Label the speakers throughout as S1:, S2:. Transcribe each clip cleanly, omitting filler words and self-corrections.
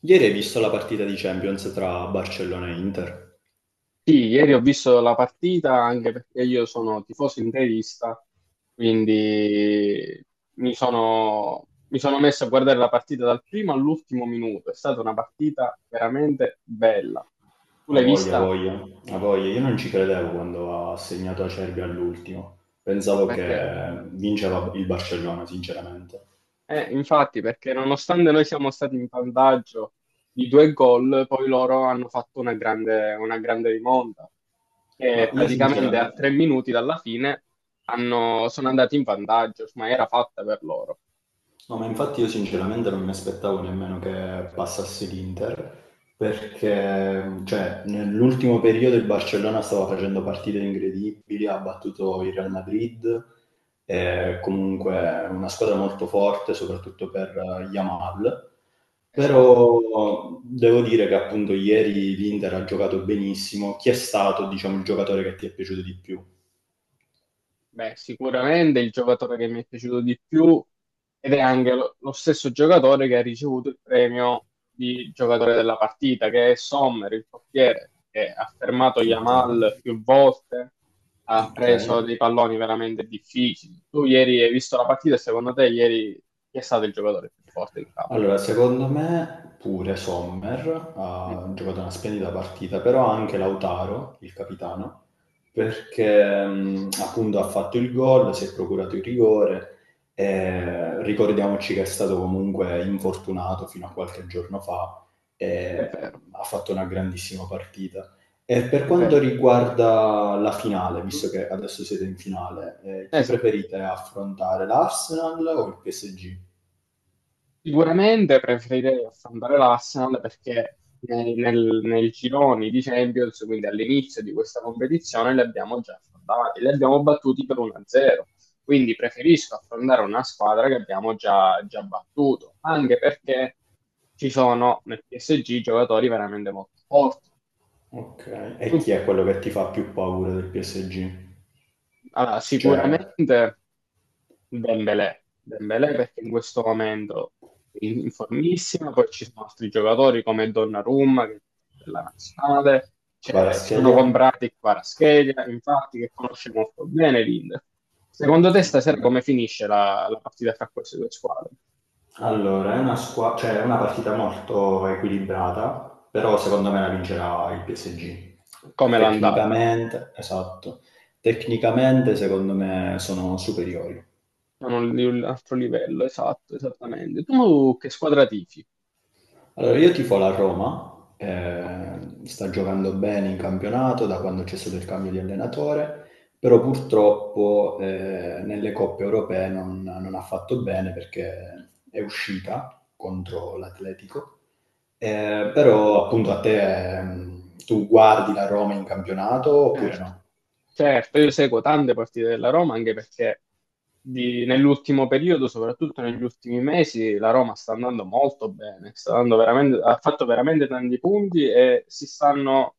S1: Ieri hai visto la partita di Champions tra Barcellona e Inter?
S2: Sì, ieri ho visto la partita anche perché io sono tifoso interista, quindi mi sono messo a guardare la partita dal primo all'ultimo minuto. È stata una partita veramente bella. Tu
S1: A
S2: l'hai
S1: voglia, a
S2: vista?
S1: voglia, a voglia. Io non ci credevo quando ha segnato Acerbi all'ultimo.
S2: No,
S1: Pensavo
S2: perché.
S1: che vinceva il Barcellona, sinceramente.
S2: Infatti, perché nonostante noi siamo stati in vantaggio di due gol, poi loro hanno fatto una grande rimonta.
S1: Ma
S2: E
S1: io
S2: praticamente a
S1: sinceramente...
S2: 3 minuti dalla fine sono andati in vantaggio, ma era fatta per loro.
S1: No, ma infatti io sinceramente non mi aspettavo nemmeno che passasse l'Inter, perché cioè, nell'ultimo periodo il Barcellona stava facendo partite incredibili, ha battuto il Real Madrid, è comunque una squadra molto forte, soprattutto per Yamal,
S2: Esatto.
S1: però devo dire che appunto ieri l'Inter ha giocato benissimo. Chi è stato, diciamo, il giocatore che ti è piaciuto di più?
S2: Beh, sicuramente il giocatore che mi è piaciuto di più ed è anche lo stesso giocatore che ha ricevuto il premio di giocatore della partita, che è Sommer, il portiere, che ha fermato
S1: Ok,
S2: Yamal più volte, ha
S1: ok.
S2: preso dei palloni veramente difficili. Tu ieri hai visto la partita e secondo te ieri chi è stato il giocatore più forte in campo?
S1: Allora, secondo me pure Sommer
S2: Mm,
S1: ha giocato una splendida partita, però anche Lautaro, il capitano,
S2: sì,
S1: perché appunto ha fatto il gol, si è procurato il rigore e ricordiamoci che è stato comunque infortunato fino a qualche giorno fa e
S2: è vero,
S1: ha fatto una grandissima partita. E per
S2: è
S1: quanto
S2: vero.
S1: riguarda la finale, visto che adesso siete in finale, chi
S2: Esatto.
S1: preferite affrontare, l'Arsenal o il PSG?
S2: Sicuramente preferirei affrontare l'Arsenal perché nei gironi di Champions, quindi all'inizio di questa competizione, li abbiamo già affrontati, li abbiamo battuti per 1-0. Quindi preferisco affrontare una squadra che abbiamo già battuto, anche perché ci sono nel PSG giocatori veramente molto forti.
S1: Okay. E
S2: Tu-
S1: chi è quello che ti fa più paura del PSG?
S2: allora,
S1: Cioè,
S2: sicuramente. Dembélé, Dembélé perché in questo momento è in formissima, poi ci sono altri giocatori come Donnarumma che è della nazionale, cioè, si sono
S1: Kvaratskhelia?
S2: comprati Kvaratskhelia, infatti che conosce molto bene l'Inter. Secondo te stasera come
S1: Okay.
S2: finisce la partita fra queste due squadre?
S1: Allora, è una squa cioè è una partita molto equilibrata, però secondo me la vincerà il PSG.
S2: Come è l'andata?
S1: Tecnicamente esatto. Tecnicamente secondo me sono superiori.
S2: Sono un altro livello, esatto, esattamente. Tu che squadra tifi?
S1: Allora, io tifo la Roma,
S2: Ok,
S1: sta giocando bene in campionato da quando c'è stato il cambio di allenatore, però purtroppo nelle coppe europee non ha fatto bene perché è uscita contro l'Atletico.
S2: sì,
S1: Però appunto a te, tu guardi la Roma in campionato oppure
S2: certo.
S1: no?
S2: Certo, io seguo tante partite della Roma anche perché nell'ultimo periodo, soprattutto negli ultimi mesi, la Roma sta andando molto bene, ha fatto veramente tanti punti e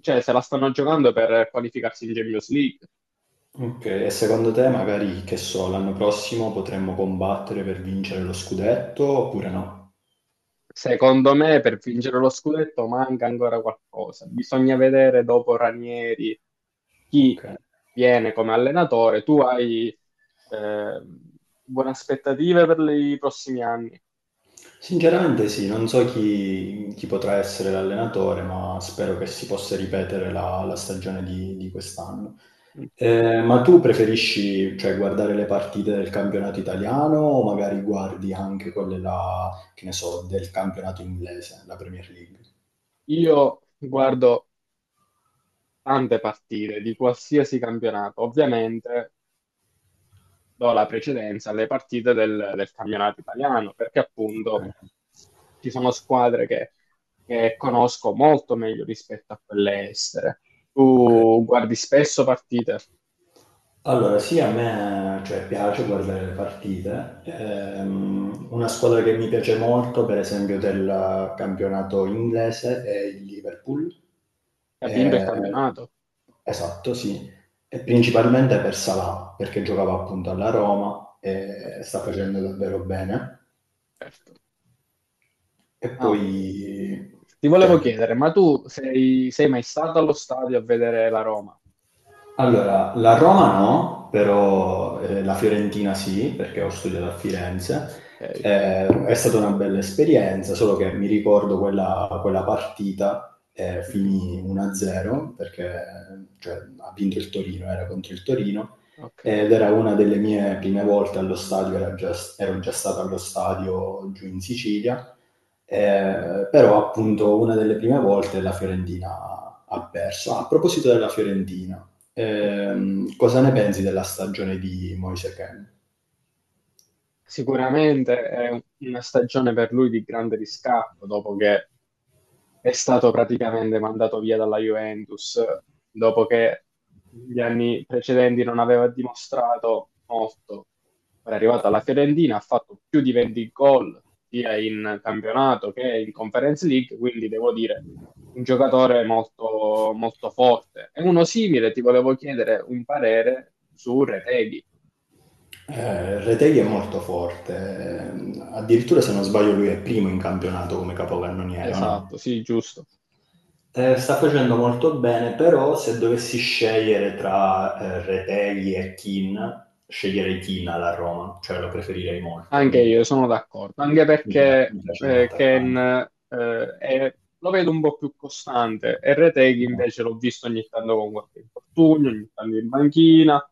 S2: cioè, se la stanno giocando per qualificarsi in Champions League.
S1: Ok, e secondo te magari, che so, l'anno prossimo potremmo combattere per vincere lo scudetto oppure no?
S2: Secondo me, per vincere lo scudetto manca ancora qualcosa. Bisogna vedere dopo Ranieri chi
S1: Ok.
S2: viene come allenatore. Tu hai eh, buone aspettative per i prossimi anni?
S1: Sinceramente sì, non so chi potrà essere l'allenatore, ma spero che si possa ripetere la stagione di quest'anno. Ma tu preferisci, cioè, guardare le partite del campionato italiano o magari guardi anche quelle là, che ne so, del campionato inglese, la Premier League?
S2: Io guardo tante partite di qualsiasi campionato, ovviamente do la precedenza alle partite del campionato italiano, perché
S1: Ok,
S2: appunto ci sono squadre che conosco molto meglio rispetto a quelle estere.
S1: ok.
S2: Tu guardi spesso partite,
S1: Allora, sì, a me, cioè, piace guardare le partite. Una squadra che mi piace molto, per esempio, del campionato inglese è il Liverpool.
S2: hai vinto il
S1: Ehm
S2: campionato?
S1: esatto, sì. E principalmente per Salah, perché giocava appunto alla Roma
S2: Certo,
S1: e sta facendo davvero bene.
S2: certo.
S1: E
S2: Ma
S1: poi,
S2: ti volevo
S1: cioè,
S2: chiedere, ma tu sei mai stato allo stadio a vedere la Roma?
S1: allora, la Roma no,
S2: Mm,
S1: però la Fiorentina sì, perché ho studiato a Firenze.
S2: ok.
S1: È stata una bella esperienza, solo che mi ricordo quella partita
S2: Mhm.
S1: finì 1-0 perché cioè, ha vinto il Torino, era contro il Torino
S2: Ok.
S1: ed era una delle mie prime volte allo stadio, ero già stato allo stadio giù in Sicilia. Però appunto una delle prime volte la Fiorentina ha perso. Ah, a proposito della Fiorentina,
S2: Sì.
S1: cosa ne pensi della stagione di Moise Kean?
S2: Sicuramente è una stagione per lui di grande riscatto, dopo che è stato praticamente mandato via dalla Juventus, dopo che gli anni precedenti non aveva dimostrato molto. Ora è arrivato alla Fiorentina, ha fatto più di 20 gol sia in campionato che in Conference League, quindi devo dire un giocatore molto, molto forte. E uno simile, ti volevo chiedere un parere su Retegui.
S1: Retegui è molto forte, addirittura se non sbaglio lui è primo in campionato come capocannoniere, o no?
S2: Esatto, sì, giusto.
S1: Sta facendo molto bene, però se dovessi scegliere tra, Retegui e Kean, sceglierei Kean alla Roma, cioè lo preferirei molto.
S2: Anche
S1: Mi
S2: io sono d'accordo, anche
S1: mi pia mi
S2: perché
S1: piace come
S2: Ken
S1: attaccante.
S2: lo vedo un po' più costante e Reteghi
S1: No.
S2: invece l'ho visto ogni tanto con qualche infortunio, ogni tanto in banchina,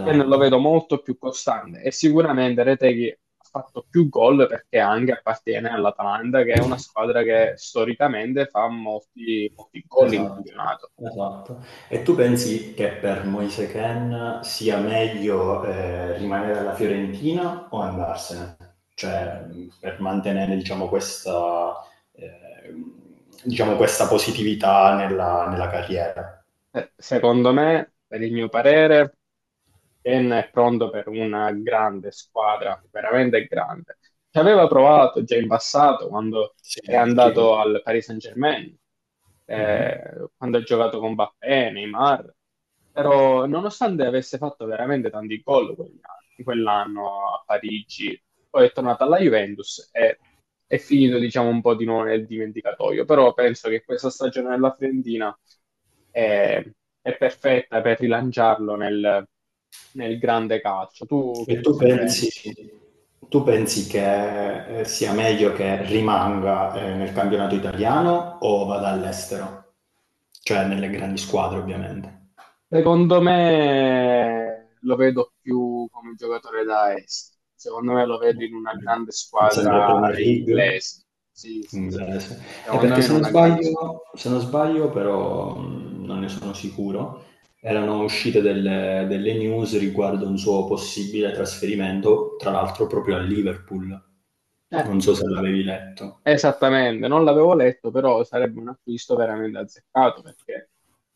S2: Ken lo vedo molto più costante e sicuramente Reteghi ha fatto più gol perché anche appartiene all'Atalanta, che è una squadra che storicamente fa molti, molti gol in
S1: esatto,
S2: campionato.
S1: esatto. E tu pensi che per Moise Kean sia meglio, rimanere alla Fiorentina o andarsene? Cioè, per mantenere ehm, diciamo questa positività nella nella carriera.
S2: Secondo me, per il mio parere, Ken è pronto per una grande squadra, veramente grande. Ci aveva provato già in passato quando
S1: Sì,
S2: è andato
S1: ricordo.
S2: al Paris Saint-Germain,
S1: Mh-mh.
S2: quando ha giocato con Mbappé, Neymar, però nonostante avesse fatto veramente tanti gol quell'anno a Parigi, poi è tornato alla Juventus e è finito diciamo un po' di nuovo nel dimenticatoio, però penso che questa stagione della Fiorentina è, è perfetta per rilanciarlo nel grande calcio. Tu
S1: E
S2: che
S1: tu
S2: cosa ne
S1: pensi
S2: pensi?
S1: Tu pensi che, sia meglio che rimanga, nel campionato italiano o vada all'estero? Cioè nelle grandi squadre ovviamente.
S2: Secondo me lo vedo più come giocatore da est. Secondo me lo vedo in una grande
S1: Okay. Sempre
S2: squadra
S1: Premier League?
S2: inglese. Sì, sì, sì.
S1: Inglese.
S2: Secondo
S1: Perché
S2: me in una grande squadra.
S1: se non sbaglio però, non ne sono sicuro, erano uscite delle delle news riguardo un suo possibile trasferimento, tra l'altro proprio al Liverpool. Non so se l'avevi letto.
S2: Esattamente, non l'avevo letto, però sarebbe un acquisto veramente azzeccato perché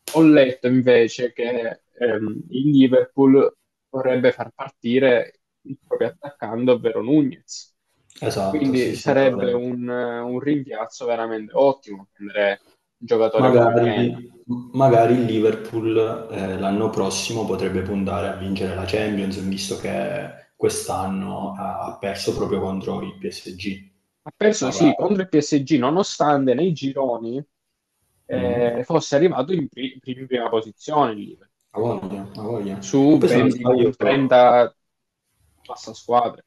S2: ho letto invece che il Liverpool vorrebbe far partire il proprio attaccante, ovvero Nunez.
S1: Esatto, sì,
S2: Quindi
S1: sì,
S2: sarebbe
S1: allora
S2: un rimpiazzo veramente ottimo prendere un giocatore come Ken.
S1: magari m magari il Liverpool, l'anno prossimo potrebbe puntare a vincere la Champions, visto che quest'anno ha perso proprio contro il PSG.
S2: Ha perso
S1: Magari.
S2: sì contro il PSG, nonostante nei gironi
S1: Mh-mh.
S2: fosse arrivato in prima posizione il Liverpool,
S1: A voglia, a voglia. Che
S2: su
S1: poi
S2: 20 punti, passa squadre.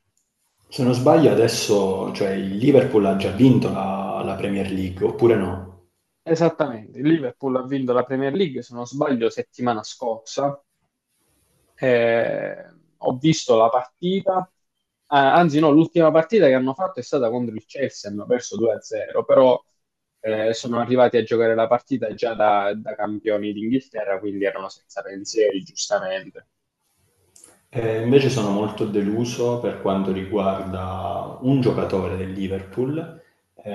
S1: se non sbaglio adesso, cioè il Liverpool ha già vinto la la Premier League, oppure no?
S2: Esattamente, il Liverpool ha vinto la Premier League, se non sbaglio, settimana scorsa. Eh, ho visto la partita. Ah, anzi no,
S1: Okay.
S2: l'ultima partita che hanno fatto è stata contro il Chelsea, hanno perso 2-0, però sono arrivati a giocare la partita già da campioni d'Inghilterra, quindi erano senza pensieri, giustamente.
S1: Invece sono molto deluso per quanto riguarda un giocatore del Liverpool,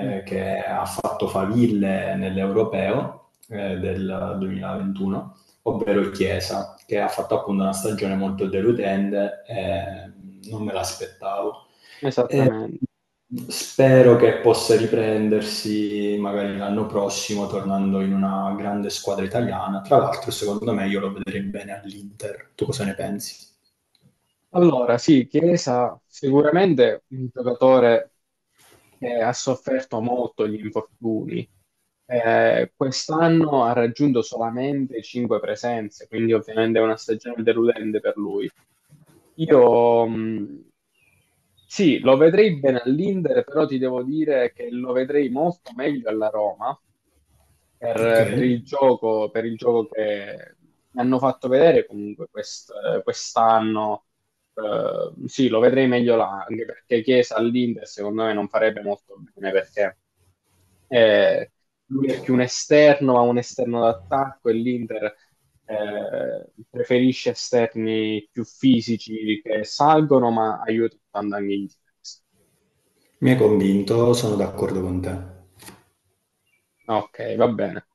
S2: Mm,
S1: che ha fatto faville nell'Europeo, del 2021, ovvero Chiesa, che ha fatto appunto una stagione molto deludente e non me l'aspettavo. Ehm,
S2: esattamente.
S1: Spero che possa riprendersi magari l'anno prossimo tornando in una grande squadra italiana. Tra l'altro secondo me io lo vedrei bene all'Inter. Tu cosa ne pensi?
S2: Allora, sì, Chiesa sicuramente un giocatore che ha sofferto molto gli infortuni. Quest'anno ha raggiunto solamente 5 presenze, quindi ovviamente è una stagione deludente per lui. Io mh, sì, lo vedrei bene all'Inter, però ti devo dire che lo vedrei molto meglio alla Roma, per, per
S1: Okay.
S2: il gioco, per il gioco che hanno fatto vedere comunque quest'anno. Eh, sì, lo vedrei meglio là, anche perché Chiesa all'Inter secondo me non farebbe molto bene perché eh, lui è più un esterno, ma un esterno d'attacco e l'Inter preferisce esterni più fisici che salgono, ma aiutano tanto anche in difesa.
S1: Mi hai convinto, sono d'accordo con te.
S2: Ok, va bene.